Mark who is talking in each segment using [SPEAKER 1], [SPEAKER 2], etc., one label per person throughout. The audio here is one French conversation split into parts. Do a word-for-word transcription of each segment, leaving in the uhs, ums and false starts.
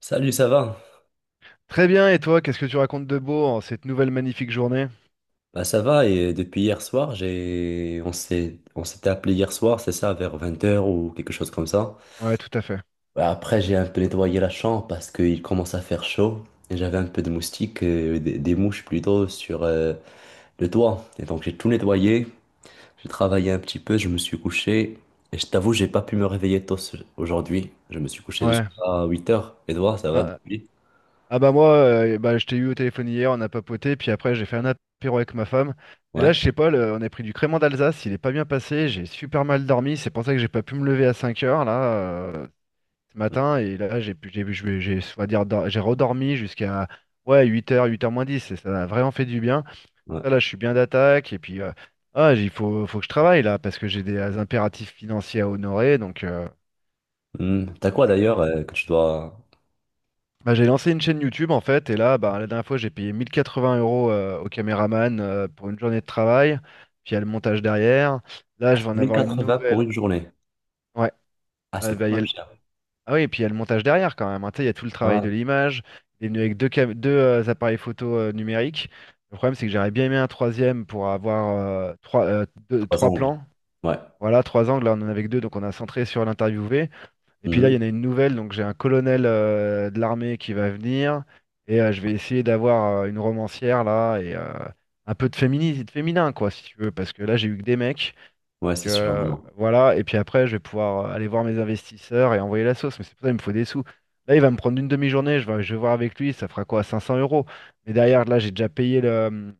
[SPEAKER 1] Salut, ça va?
[SPEAKER 2] Très bien, et toi, qu'est-ce que tu racontes de beau en cette nouvelle magnifique journée?
[SPEAKER 1] Bah ça va et depuis hier soir, j'ai on s'est on s'était appelé hier soir, c'est ça, vers vingt heures ou quelque chose comme ça.
[SPEAKER 2] Ouais, tout à fait.
[SPEAKER 1] Bah, après, j'ai un peu nettoyé la chambre parce qu'il commence à faire chaud et j'avais un peu de moustiques, euh, des, des mouches plutôt sur euh, le toit. Et donc j'ai tout nettoyé, j'ai travaillé un petit peu, je me suis couché et je t'avoue, j'ai pas pu me réveiller tôt ce- aujourd'hui. Je me suis couché juste
[SPEAKER 2] Ouais.
[SPEAKER 1] à huit heures. Et toi, ça va
[SPEAKER 2] Ah,
[SPEAKER 1] depuis?
[SPEAKER 2] ah bah moi, euh, bah, je t'ai eu au téléphone hier, on a papoté, puis après j'ai fait un apéro avec ma femme. Mais
[SPEAKER 1] Ouais.
[SPEAKER 2] là, je sais pas, le- on a pris du crément d'Alsace, il est pas bien passé, j'ai super mal dormi, c'est pour ça que j'ai pas pu me lever à cinq heures là euh, ce matin, et là j'ai pu- j'ai j'ai j'ai- on va dire dor- j'ai redormi jusqu'à ouais huit heures, huit heures moins dix, et ça a vraiment fait du bien.
[SPEAKER 1] Ouais.
[SPEAKER 2] Ça, là, je suis bien d'attaque. Et puis, euh, ah, il faut, faut que je travaille, là, parce que j'ai des euh, impératifs financiers à honorer. Donc, euh,
[SPEAKER 1] Hmm. T'as quoi
[SPEAKER 2] chacun.
[SPEAKER 1] d'ailleurs euh, que tu dois
[SPEAKER 2] Bah, j'ai lancé une chaîne YouTube, en fait. Et là, bah, la dernière fois, j'ai payé mille quatre-vingts euros euh, au caméraman euh, pour une journée de travail. Puis, il y a le montage derrière. Là, je vais en avoir une
[SPEAKER 1] mille quatre-vingts pour
[SPEAKER 2] nouvelle.
[SPEAKER 1] une journée?
[SPEAKER 2] Ouais.
[SPEAKER 1] Ah,
[SPEAKER 2] Ah,
[SPEAKER 1] c'est
[SPEAKER 2] bah,
[SPEAKER 1] quand
[SPEAKER 2] il y a
[SPEAKER 1] même
[SPEAKER 2] le-
[SPEAKER 1] cher.
[SPEAKER 2] ah oui, et puis, il y a le montage derrière, quand même, hein. Tu sais, il y a tout le travail de
[SPEAKER 1] Ah,
[SPEAKER 2] l'image. Il est venu avec deux, cam- deux euh, appareils photo euh, numériques. Le problème, c'est que j'aurais bien aimé un troisième pour avoir euh, trois, euh, deux-
[SPEAKER 1] trois
[SPEAKER 2] trois
[SPEAKER 1] angles.
[SPEAKER 2] plans.
[SPEAKER 1] Ouais.
[SPEAKER 2] Voilà, trois angles, là on en avait que deux, donc on a centré sur l'interviewé. Et puis là, il
[SPEAKER 1] Mhm.
[SPEAKER 2] y en a une nouvelle, donc j'ai un colonel euh, de l'armée qui va venir, et euh, je vais essayer d'avoir euh, une romancière là, et euh, un peu de féminisme, de féminin, quoi, si tu veux, parce que là j'ai eu que des mecs.
[SPEAKER 1] Ouais,
[SPEAKER 2] Donc,
[SPEAKER 1] c'est sûr. Non,
[SPEAKER 2] euh,
[SPEAKER 1] non.
[SPEAKER 2] voilà, et puis après, je vais pouvoir euh, aller voir mes investisseurs et envoyer la sauce, mais c'est pour ça qu'il me faut des sous. Là, il va me prendre une demi-journée, je vais, je vais voir avec lui, ça fera quoi, cinq cents euros. Mais derrière, là, j'ai déjà payé le-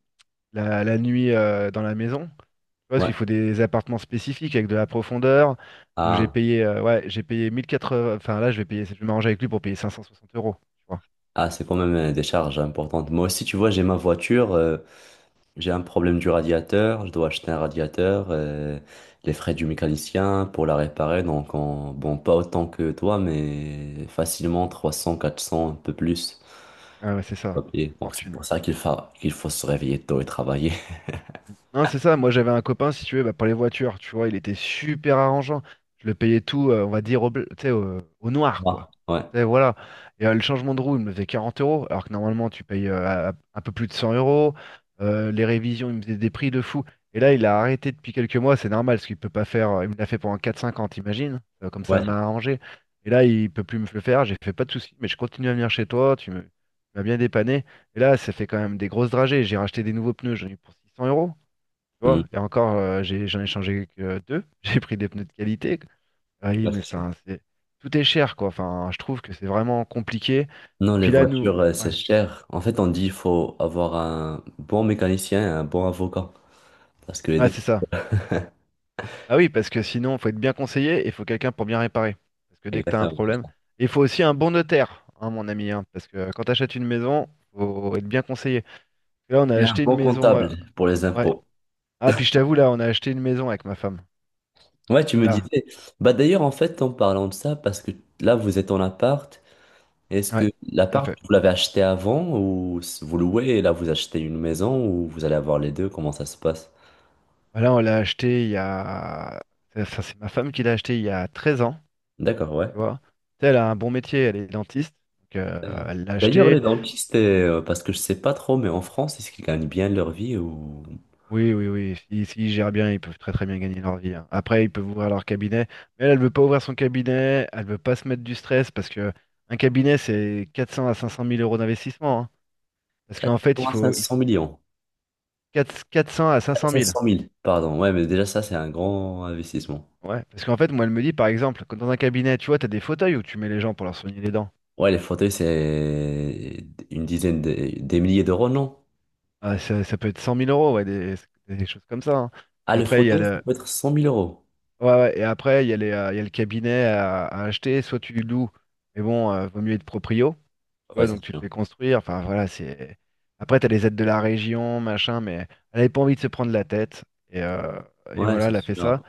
[SPEAKER 2] la, la nuit euh, dans la maison. Tu vois, parce
[SPEAKER 1] Ouais.
[SPEAKER 2] qu'il faut des appartements spécifiques avec de la profondeur. Donc j'ai
[SPEAKER 1] Ah,
[SPEAKER 2] payé, euh, ouais, j'ai payé mille quatre-vingts. Enfin là, je vais payer, je vais m'arranger avec lui pour payer cinq cent soixante euros. Tu vois.
[SPEAKER 1] ah, c'est quand même euh, des charges importantes. Moi aussi, tu vois, j'ai ma voiture, euh, j'ai un problème du radiateur, je dois acheter un radiateur, euh, les frais du mécanicien pour la réparer. Donc, en- bon, pas autant que toi, mais facilement trois cents quatre cents un peu plus.
[SPEAKER 2] Ah ouais, c'est ça.
[SPEAKER 1] Ok. Donc, c'est
[SPEAKER 2] Fortune.
[SPEAKER 1] pour ça qu'il fa... qu'il faut se réveiller tôt et travailler.
[SPEAKER 2] Non, c'est ça. Moi, j'avais un copain, si tu veux, bah, pour les voitures, tu vois, il était super arrangeant. Je le payais tout, euh, on va dire, au, bleu- tu sais, au, au
[SPEAKER 1] Ça
[SPEAKER 2] noir,
[SPEAKER 1] marche.
[SPEAKER 2] quoi.
[SPEAKER 1] Ouais.
[SPEAKER 2] Tu sais, voilà. Et euh, le changement de roue, il me faisait quarante euros, alors que normalement, tu payes euh, à- un peu plus de cent euros. Euh, les révisions, il me faisait des prix de fou. Et là, il a arrêté depuis quelques mois, c'est normal, parce qu'il peut pas faire. euh, Il me l'a fait pendant quatre cinquante, imagine. Euh, comme ça
[SPEAKER 1] Ouais.
[SPEAKER 2] m'a arrangé. Et là, il peut plus me le faire. J'ai fait pas de soucis, mais je continue à venir chez toi. Tu me- tu m'as bien dépanné. Et là, ça fait quand même des grosses dragées. J'ai racheté des nouveaux pneus, j'en ai eu pour six cents euros. Tu vois,
[SPEAKER 1] Mhm.
[SPEAKER 2] et encore, euh, j'ai, j'en ai changé que deux. J'ai pris des pneus de qualité. Ah oui,
[SPEAKER 1] Ouais,
[SPEAKER 2] mais
[SPEAKER 1] c'est ça.
[SPEAKER 2] enfin, c'est tout est cher, quoi. Enfin, je trouve que c'est vraiment compliqué.
[SPEAKER 1] Non,
[SPEAKER 2] Et
[SPEAKER 1] les
[SPEAKER 2] puis là, nous,
[SPEAKER 1] voitures, euh,
[SPEAKER 2] ouais,
[SPEAKER 1] c'est cher. En fait, on dit il faut avoir un bon mécanicien et un bon avocat. Parce que les
[SPEAKER 2] ouais,
[SPEAKER 1] deux,
[SPEAKER 2] c'est ça. Ah oui, parce que sinon, faut être bien conseillé et il faut quelqu'un pour bien réparer. Parce que dès que tu as un
[SPEAKER 1] exactement, c'est
[SPEAKER 2] problème,
[SPEAKER 1] ça.
[SPEAKER 2] il faut aussi un bon notaire, hein, mon ami, hein, parce que quand tu achètes une maison, faut être bien conseillé. Là, on a
[SPEAKER 1] Et un
[SPEAKER 2] acheté une
[SPEAKER 1] bon
[SPEAKER 2] maison. euh,
[SPEAKER 1] comptable pour les
[SPEAKER 2] Ouais.
[SPEAKER 1] impôts.
[SPEAKER 2] Ah, puis je t'avoue, là, on a acheté une maison avec ma femme.
[SPEAKER 1] Ouais, tu me
[SPEAKER 2] Là,
[SPEAKER 1] disais. Bah d'ailleurs, en fait, en parlant de ça, parce que là, vous êtes en appart. Est-ce
[SPEAKER 2] ouais,
[SPEAKER 1] que
[SPEAKER 2] tout à
[SPEAKER 1] l'appart,
[SPEAKER 2] fait.
[SPEAKER 1] vous l'avez acheté avant ou s- vous louez et là, vous achetez une maison ou vous allez avoir les deux? Comment ça se passe?
[SPEAKER 2] Bah là, on l'a acheté il y a. Ça, ça, c'est ma femme qui l'a acheté il y a treize ans,
[SPEAKER 1] D'accord, ouais.
[SPEAKER 2] tu vois. Tu sais, elle a un bon métier, elle est dentiste. Donc, euh,
[SPEAKER 1] Euh,
[SPEAKER 2] elle l'a
[SPEAKER 1] D'ailleurs,
[SPEAKER 2] acheté.
[SPEAKER 1] les dentistes, euh, parce que je sais pas trop, mais en France, est-ce qu'ils gagnent bien leur vie ou
[SPEAKER 2] Oui, oui, oui. Si, s'ils gèrent bien, ils peuvent très, très bien gagner leur vie, hein. Après, ils peuvent ouvrir leur cabinet. Mais elle, elle veut pas ouvrir son cabinet. Elle veut pas se mettre du stress parce que un cabinet, c'est quatre cents à cinq cents mille euros d'investissement, hein. Parce qu'en fait,
[SPEAKER 1] quatre cents
[SPEAKER 2] il
[SPEAKER 1] à
[SPEAKER 2] faut, il faut
[SPEAKER 1] cinq cents millions?
[SPEAKER 2] quatre 400 à cinq cents mille.
[SPEAKER 1] sept cent mille, pardon. Ouais, mais déjà, ça, c'est un grand investissement.
[SPEAKER 2] Ouais. Parce qu'en fait, moi, elle me dit, par exemple, quand dans un cabinet, tu vois, tu as des fauteuils où tu mets les gens pour leur soigner les dents.
[SPEAKER 1] Ouais, les fauteuils, c'est une dizaine de- des milliers d'euros, non?
[SPEAKER 2] Ah, ça, ça peut être cent mille euros, ouais, des, des choses comme ça, hein.
[SPEAKER 1] Ah,
[SPEAKER 2] Puis
[SPEAKER 1] le
[SPEAKER 2] après, il y a
[SPEAKER 1] fauteuil, ça
[SPEAKER 2] le,
[SPEAKER 1] peut être cent mille euros.
[SPEAKER 2] ouais, ouais, et après, il y a les, euh, il y a le cabinet à, à acheter. Soit tu loues, mais bon, euh, vaut mieux être proprio. Tu
[SPEAKER 1] Ouais,
[SPEAKER 2] vois,
[SPEAKER 1] c'est
[SPEAKER 2] donc tu le fais
[SPEAKER 1] sûr.
[SPEAKER 2] construire. Enfin, voilà, c'est. Après, tu as les aides de la région, machin, mais elle n'avait pas envie de se prendre la tête. Et, euh, et
[SPEAKER 1] Ouais,
[SPEAKER 2] voilà,
[SPEAKER 1] c'est
[SPEAKER 2] elle a fait ça.
[SPEAKER 1] sûr.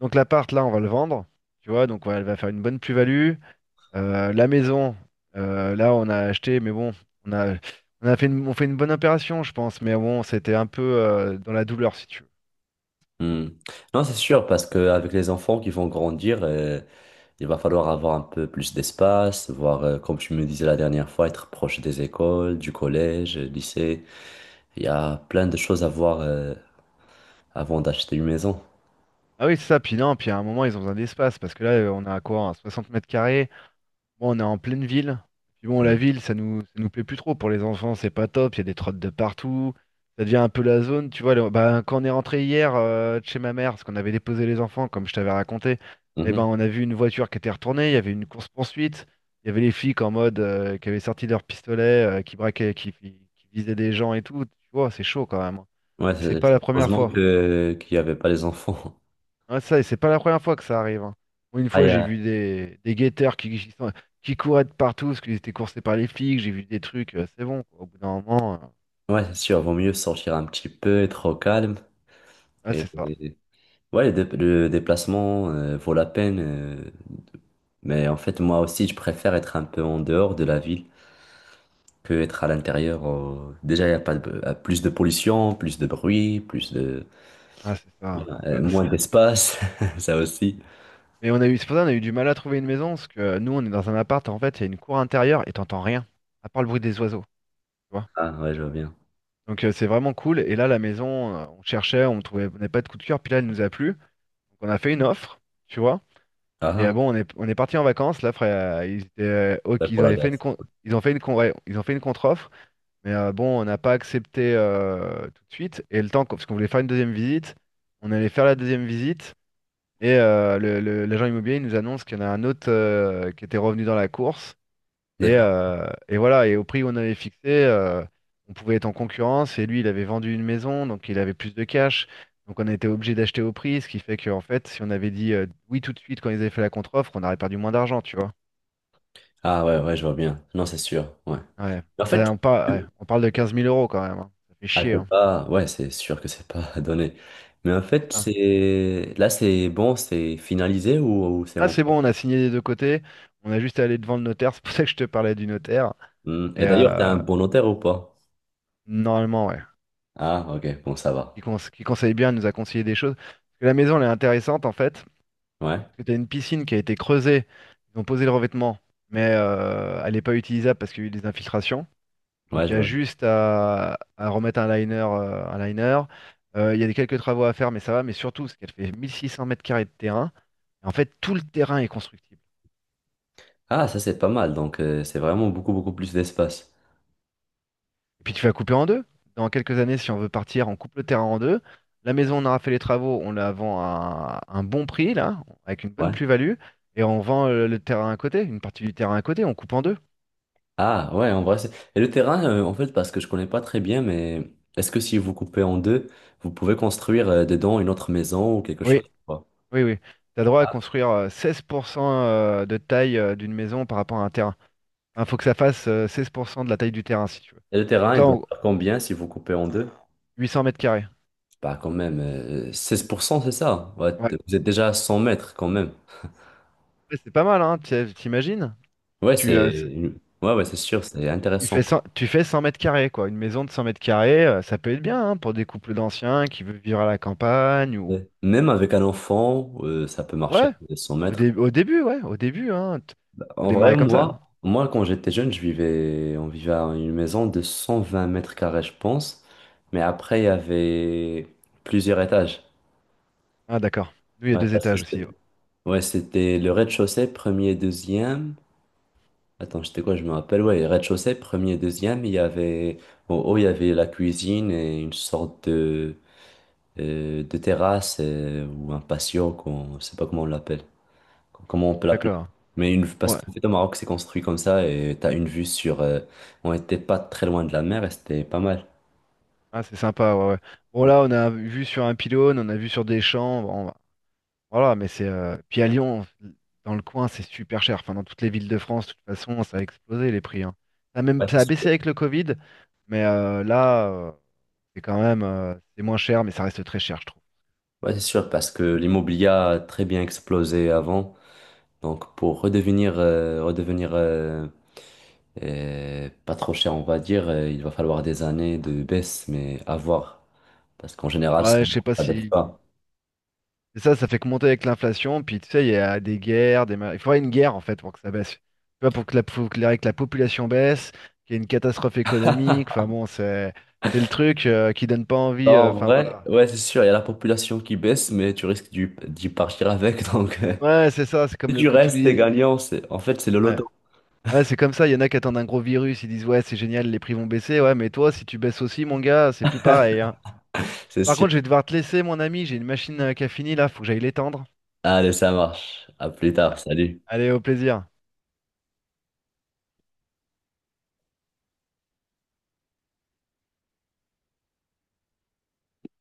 [SPEAKER 2] Donc l'appart, là, on va le vendre. Tu vois, donc ouais, elle va faire une bonne plus-value. Euh, la maison, euh, là on a acheté, mais bon, on a, on a fait une, on fait une bonne opération, je pense, mais bon, c'était un peu euh, dans la douleur, si tu veux.
[SPEAKER 1] Hmm. Non, c'est sûr, parce qu'avec les enfants qui vont grandir, euh, il va falloir avoir un peu plus d'espace, voir, euh, comme tu me disais la dernière fois, être proche des écoles, du collège, lycée. Il y a plein de choses à voir, euh, avant d'acheter une maison.
[SPEAKER 2] Ah oui, c'est ça, puis non, puis à un moment, ils ont besoin d'espace, parce que là, euh, on a quoi, un soixante mètres carrés. Bon, on est en pleine ville. Puis bon, la
[SPEAKER 1] Hmm.
[SPEAKER 2] ville, ça nous, ça nous plaît plus trop. Pour les enfants, c'est pas top. Il y a des trottes de partout. Ça devient un peu la zone. Tu vois, le- bah, quand on est rentré hier euh, de chez ma mère, parce qu'on avait déposé les enfants, comme je t'avais raconté, eh ben,
[SPEAKER 1] Mhm.
[SPEAKER 2] on a vu une voiture qui était retournée. Il y avait une course-poursuite. Il y avait les flics en mode euh, qui avaient sorti leurs pistolets, euh, qui braquaient, qui, qui visaient des gens et tout. Tu vois, c'est chaud quand même, hein.
[SPEAKER 1] Ouais,
[SPEAKER 2] Et c'est
[SPEAKER 1] c'est-
[SPEAKER 2] pas
[SPEAKER 1] c'est-
[SPEAKER 2] la première
[SPEAKER 1] heureusement
[SPEAKER 2] fois.
[SPEAKER 1] que qu'il n'y avait pas les enfants.
[SPEAKER 2] Ouais, ça, et c'est pas la première fois que ça arrive, hein. Moi, une
[SPEAKER 1] Ah, il
[SPEAKER 2] fois,
[SPEAKER 1] y
[SPEAKER 2] j'ai
[SPEAKER 1] a-
[SPEAKER 2] vu des, des guetteurs qui, qui, sont- qui couraient de partout parce qu'ils étaient coursés par les flics. J'ai vu des trucs. Euh, c'est bon, quoi. Au bout d'un moment. euh,
[SPEAKER 1] Ouais, c'est sûr, vaut mieux sortir un petit peu, être au calme.
[SPEAKER 2] Ah,
[SPEAKER 1] Et...
[SPEAKER 2] c'est ça.
[SPEAKER 1] et- Ouais, le, dé- le déplacement euh, vaut la peine. euh, Mais en fait, moi aussi, je préfère être un peu en dehors de la ville que être à l'intérieur. euh, Déjà, il y a pas de... euh, plus de pollution, plus de bruit, plus de...
[SPEAKER 2] Ah, c'est ça.
[SPEAKER 1] euh,
[SPEAKER 2] Ouais,
[SPEAKER 1] moins
[SPEAKER 2] c'est-
[SPEAKER 1] d'espace, ça aussi.
[SPEAKER 2] Mais on a eu, c'est pour ça qu'on a eu du mal à trouver une maison parce que euh, nous, on est dans un appart. En fait, il y a une cour intérieure et t'entends rien, à part le bruit des oiseaux. Tu vois.
[SPEAKER 1] Ah, ouais, je vois bien.
[SPEAKER 2] Donc, euh, c'est vraiment cool. Et là, la maison, euh, on cherchait, on trouvait, on n'avait pas de coup de cœur. Puis là, elle nous a plu. Donc, on a fait une offre, tu vois.
[SPEAKER 1] Ah,
[SPEAKER 2] Et ah
[SPEAKER 1] ah,
[SPEAKER 2] bon, on est, on est parti en vacances, là, frère. Euh, Ils, étaient, euh,
[SPEAKER 1] ouais,
[SPEAKER 2] ok, ils
[SPEAKER 1] pour la
[SPEAKER 2] avaient fait une
[SPEAKER 1] glace.
[SPEAKER 2] con- ils ont fait une con- ouais, ils ont fait une contre-offre, mais euh, bon, on n'a pas accepté euh, tout de suite. Et le temps, qu'on- parce qu'on voulait faire une deuxième visite, on allait faire la deuxième visite, et euh, le, le- l'agent immobilier il nous annonce qu'il y en a un autre euh, qui était revenu dans la course. Et,
[SPEAKER 1] D'accord.
[SPEAKER 2] euh, et voilà, et au prix qu'on avait fixé, euh, on pouvait être en concurrence. Et lui, il avait vendu une maison, donc il avait plus de cash. Donc on a été obligé d'acheter au prix, ce qui fait qu'en fait, si on avait dit euh, oui tout de suite quand ils avaient fait la contre-offre, on aurait perdu moins d'argent, tu vois.
[SPEAKER 1] Ah, ouais, ouais, je vois bien. Non, c'est sûr, ouais.
[SPEAKER 2] Ouais.
[SPEAKER 1] En fait,
[SPEAKER 2] Bah, on, par- ouais, on parle de quinze mille euros quand même, hein. Ça fait
[SPEAKER 1] ah,
[SPEAKER 2] chier,
[SPEAKER 1] c'est
[SPEAKER 2] hein.
[SPEAKER 1] pas, ouais, c'est sûr que c'est pas donné. Mais en fait,
[SPEAKER 2] Putain.
[SPEAKER 1] c'est là, c'est bon, c'est finalisé ou, ou c'est
[SPEAKER 2] Ah, c'est bon, on a
[SPEAKER 1] encore.
[SPEAKER 2] signé des deux côtés. On a juste à aller devant le notaire. C'est pour ça que je te parlais du notaire.
[SPEAKER 1] Hmm.
[SPEAKER 2] Et
[SPEAKER 1] Et d'ailleurs, t'es
[SPEAKER 2] euh,
[SPEAKER 1] un bon notaire ou pas?
[SPEAKER 2] Normalement, ouais.
[SPEAKER 1] Ah, ok, bon, ça
[SPEAKER 2] Qui,
[SPEAKER 1] va.
[SPEAKER 2] conse- qui conseille bien, il nous a conseillé des choses. Parce que la maison, elle est intéressante en fait.
[SPEAKER 1] Ouais,
[SPEAKER 2] Parce que t'as une piscine qui a été creusée, ils ont posé le revêtement, mais euh, elle n'est pas utilisable parce qu'il y a eu des infiltrations.
[SPEAKER 1] ouais,
[SPEAKER 2] Donc il
[SPEAKER 1] je
[SPEAKER 2] y a
[SPEAKER 1] vois.
[SPEAKER 2] juste à, à remettre un liner, euh, un liner. Euh, il y a des quelques travaux à faire, mais ça va. Mais surtout, c'est qu'elle fait mille six cents mètres carrés de terrain. Et en fait, tout le terrain est constructible.
[SPEAKER 1] Ah, ça, c'est pas mal. Donc, euh, c'est vraiment beaucoup, beaucoup plus d'espace.
[SPEAKER 2] Et puis tu vas couper en deux. Dans quelques années, si on veut partir, on coupe le terrain en deux. La maison, on aura fait les travaux, on la vend à un bon prix, là, avec une bonne
[SPEAKER 1] Ouais.
[SPEAKER 2] plus-value. Et on vend euh, le terrain à côté, une partie du terrain à côté, on coupe en deux.
[SPEAKER 1] Ah, ouais, en vrai, c'est. Et le terrain, euh, en fait, parce que je connais pas très bien, mais est-ce que si vous coupez en deux, vous pouvez construire euh, dedans une autre maison ou quelque
[SPEAKER 2] Oui.
[SPEAKER 1] chose ou pas?
[SPEAKER 2] Oui, oui. Tu as droit à construire euh, seize pour cent euh, de taille euh, d'une maison par rapport à un terrain. Il faut que ça fasse euh, seize pour cent de la taille du terrain, si tu veux.
[SPEAKER 1] Et le
[SPEAKER 2] Donc
[SPEAKER 1] terrain, il
[SPEAKER 2] là,
[SPEAKER 1] doit
[SPEAKER 2] on-
[SPEAKER 1] faire combien si vous coupez en deux?
[SPEAKER 2] huit cents mètres carrés.
[SPEAKER 1] Bah quand même, euh, seize pour cent c'est ça. Ouais,
[SPEAKER 2] Ouais.
[SPEAKER 1] t- vous êtes déjà à cent mètres quand même.
[SPEAKER 2] Ouais, c'est pas mal, hein, t'i- t'imagines?
[SPEAKER 1] Ouais,
[SPEAKER 2] Tu, euh,
[SPEAKER 1] c'est
[SPEAKER 2] c'est-
[SPEAKER 1] une- ouais, ouais, c'est sûr, c'est
[SPEAKER 2] tu
[SPEAKER 1] intéressant,
[SPEAKER 2] fais cent
[SPEAKER 1] quoi.
[SPEAKER 2] tu fais cent mètres carrés, quoi. Une maison de cent mètres carrés, euh, ça peut être bien, hein, pour des couples d'anciens qui veulent vivre à la campagne ou.
[SPEAKER 1] Ouais. Même avec un enfant, euh, ça peut marcher,
[SPEAKER 2] Ouais,
[SPEAKER 1] euh, cent
[SPEAKER 2] au,
[SPEAKER 1] mètres.
[SPEAKER 2] dé- au début, ouais, au début, hein. t- Faut
[SPEAKER 1] En vrai,
[SPEAKER 2] démarrer comme ça.
[SPEAKER 1] moi, moi quand j'étais jeune, je vivais, on vivait à une maison de cent vingt mètres carrés, je pense. Mais après, il y avait plusieurs étages.
[SPEAKER 2] Ah, d'accord. Nous, il y a
[SPEAKER 1] Ouais,
[SPEAKER 2] deux
[SPEAKER 1] parce que
[SPEAKER 2] étages
[SPEAKER 1] c'était,
[SPEAKER 2] aussi.
[SPEAKER 1] ouais, c'était le rez-de-chaussée, premier et deuxième. Attends, c'était quoi? Je me rappelle, ouais, rez-de-chaussée, premier, deuxième, il y avait, en haut, il y avait la cuisine et une sorte de, euh, de terrasse euh, ou un patio, qu'on, je sais pas comment on l'appelle, comment on peut l'appeler.
[SPEAKER 2] D'accord.
[SPEAKER 1] Mais une, parce
[SPEAKER 2] Ouais.
[SPEAKER 1] qu'en fait, au Maroc, c'est construit comme ça et t'as une vue sur, euh, on était pas très loin de la mer et c'était pas mal.
[SPEAKER 2] Ah, c'est sympa, ouais, ouais. Bon, là, on a vu sur un pylône, on a vu sur des champs, bon, voilà, mais c'est. Euh, Puis à Lyon, dans le coin, c'est super cher. Enfin, dans toutes les villes de France, de toute façon, ça a explosé les prix, hein. Ça a même,
[SPEAKER 1] Ouais, c'est
[SPEAKER 2] ça a baissé
[SPEAKER 1] sûr.
[SPEAKER 2] avec le Covid, mais euh, là, euh, c'est quand même. Euh, c'est moins cher, mais ça reste très cher, je trouve.
[SPEAKER 1] Ouais, c'est sûr, parce que l'immobilier a très bien explosé avant. Donc, pour redevenir, euh, redevenir euh, Et pas trop cher, on va dire. euh, Il va falloir des années de baisse, mais à voir. Parce qu'en général,
[SPEAKER 2] Ouais,
[SPEAKER 1] ça
[SPEAKER 2] je sais pas
[SPEAKER 1] ne baisse
[SPEAKER 2] si.
[SPEAKER 1] pas.
[SPEAKER 2] Et ça, ça fait que monter avec l'inflation, puis tu sais, il y a des guerres, des... ma- il faudrait une guerre en fait pour que ça baisse. Tu vois, pour que la, faut que la, que la population baisse, qu'il y ait une catastrophe économique, enfin bon, c'est c'est le truc euh, qui donne pas
[SPEAKER 1] Bah,
[SPEAKER 2] envie, euh,
[SPEAKER 1] en
[SPEAKER 2] enfin
[SPEAKER 1] vrai,
[SPEAKER 2] voilà.
[SPEAKER 1] ouais, c'est sûr, il y a la population qui baisse, mais tu risques d'y d'y partir avec. Donc, euh,
[SPEAKER 2] Ouais, c'est ça, c'est comme
[SPEAKER 1] si
[SPEAKER 2] le...
[SPEAKER 1] tu
[SPEAKER 2] co- tous
[SPEAKER 1] restes, t'es
[SPEAKER 2] les-
[SPEAKER 1] gagnant. C'est, en fait, c'est le
[SPEAKER 2] Ouais,
[SPEAKER 1] loto.
[SPEAKER 2] ouais c'est comme ça, il y en a qui attendent un gros virus, ils disent ouais, c'est génial, les prix vont baisser, ouais, mais toi, si tu baisses aussi, mon gars, c'est plus pareil, hein.
[SPEAKER 1] C'est
[SPEAKER 2] Par
[SPEAKER 1] sûr.
[SPEAKER 2] contre, je vais devoir te laisser, mon ami, j'ai une machine euh, qui a fini là, faut que j'aille l'étendre.
[SPEAKER 1] Allez, ça marche. À plus tard. Salut.
[SPEAKER 2] Allez, au plaisir.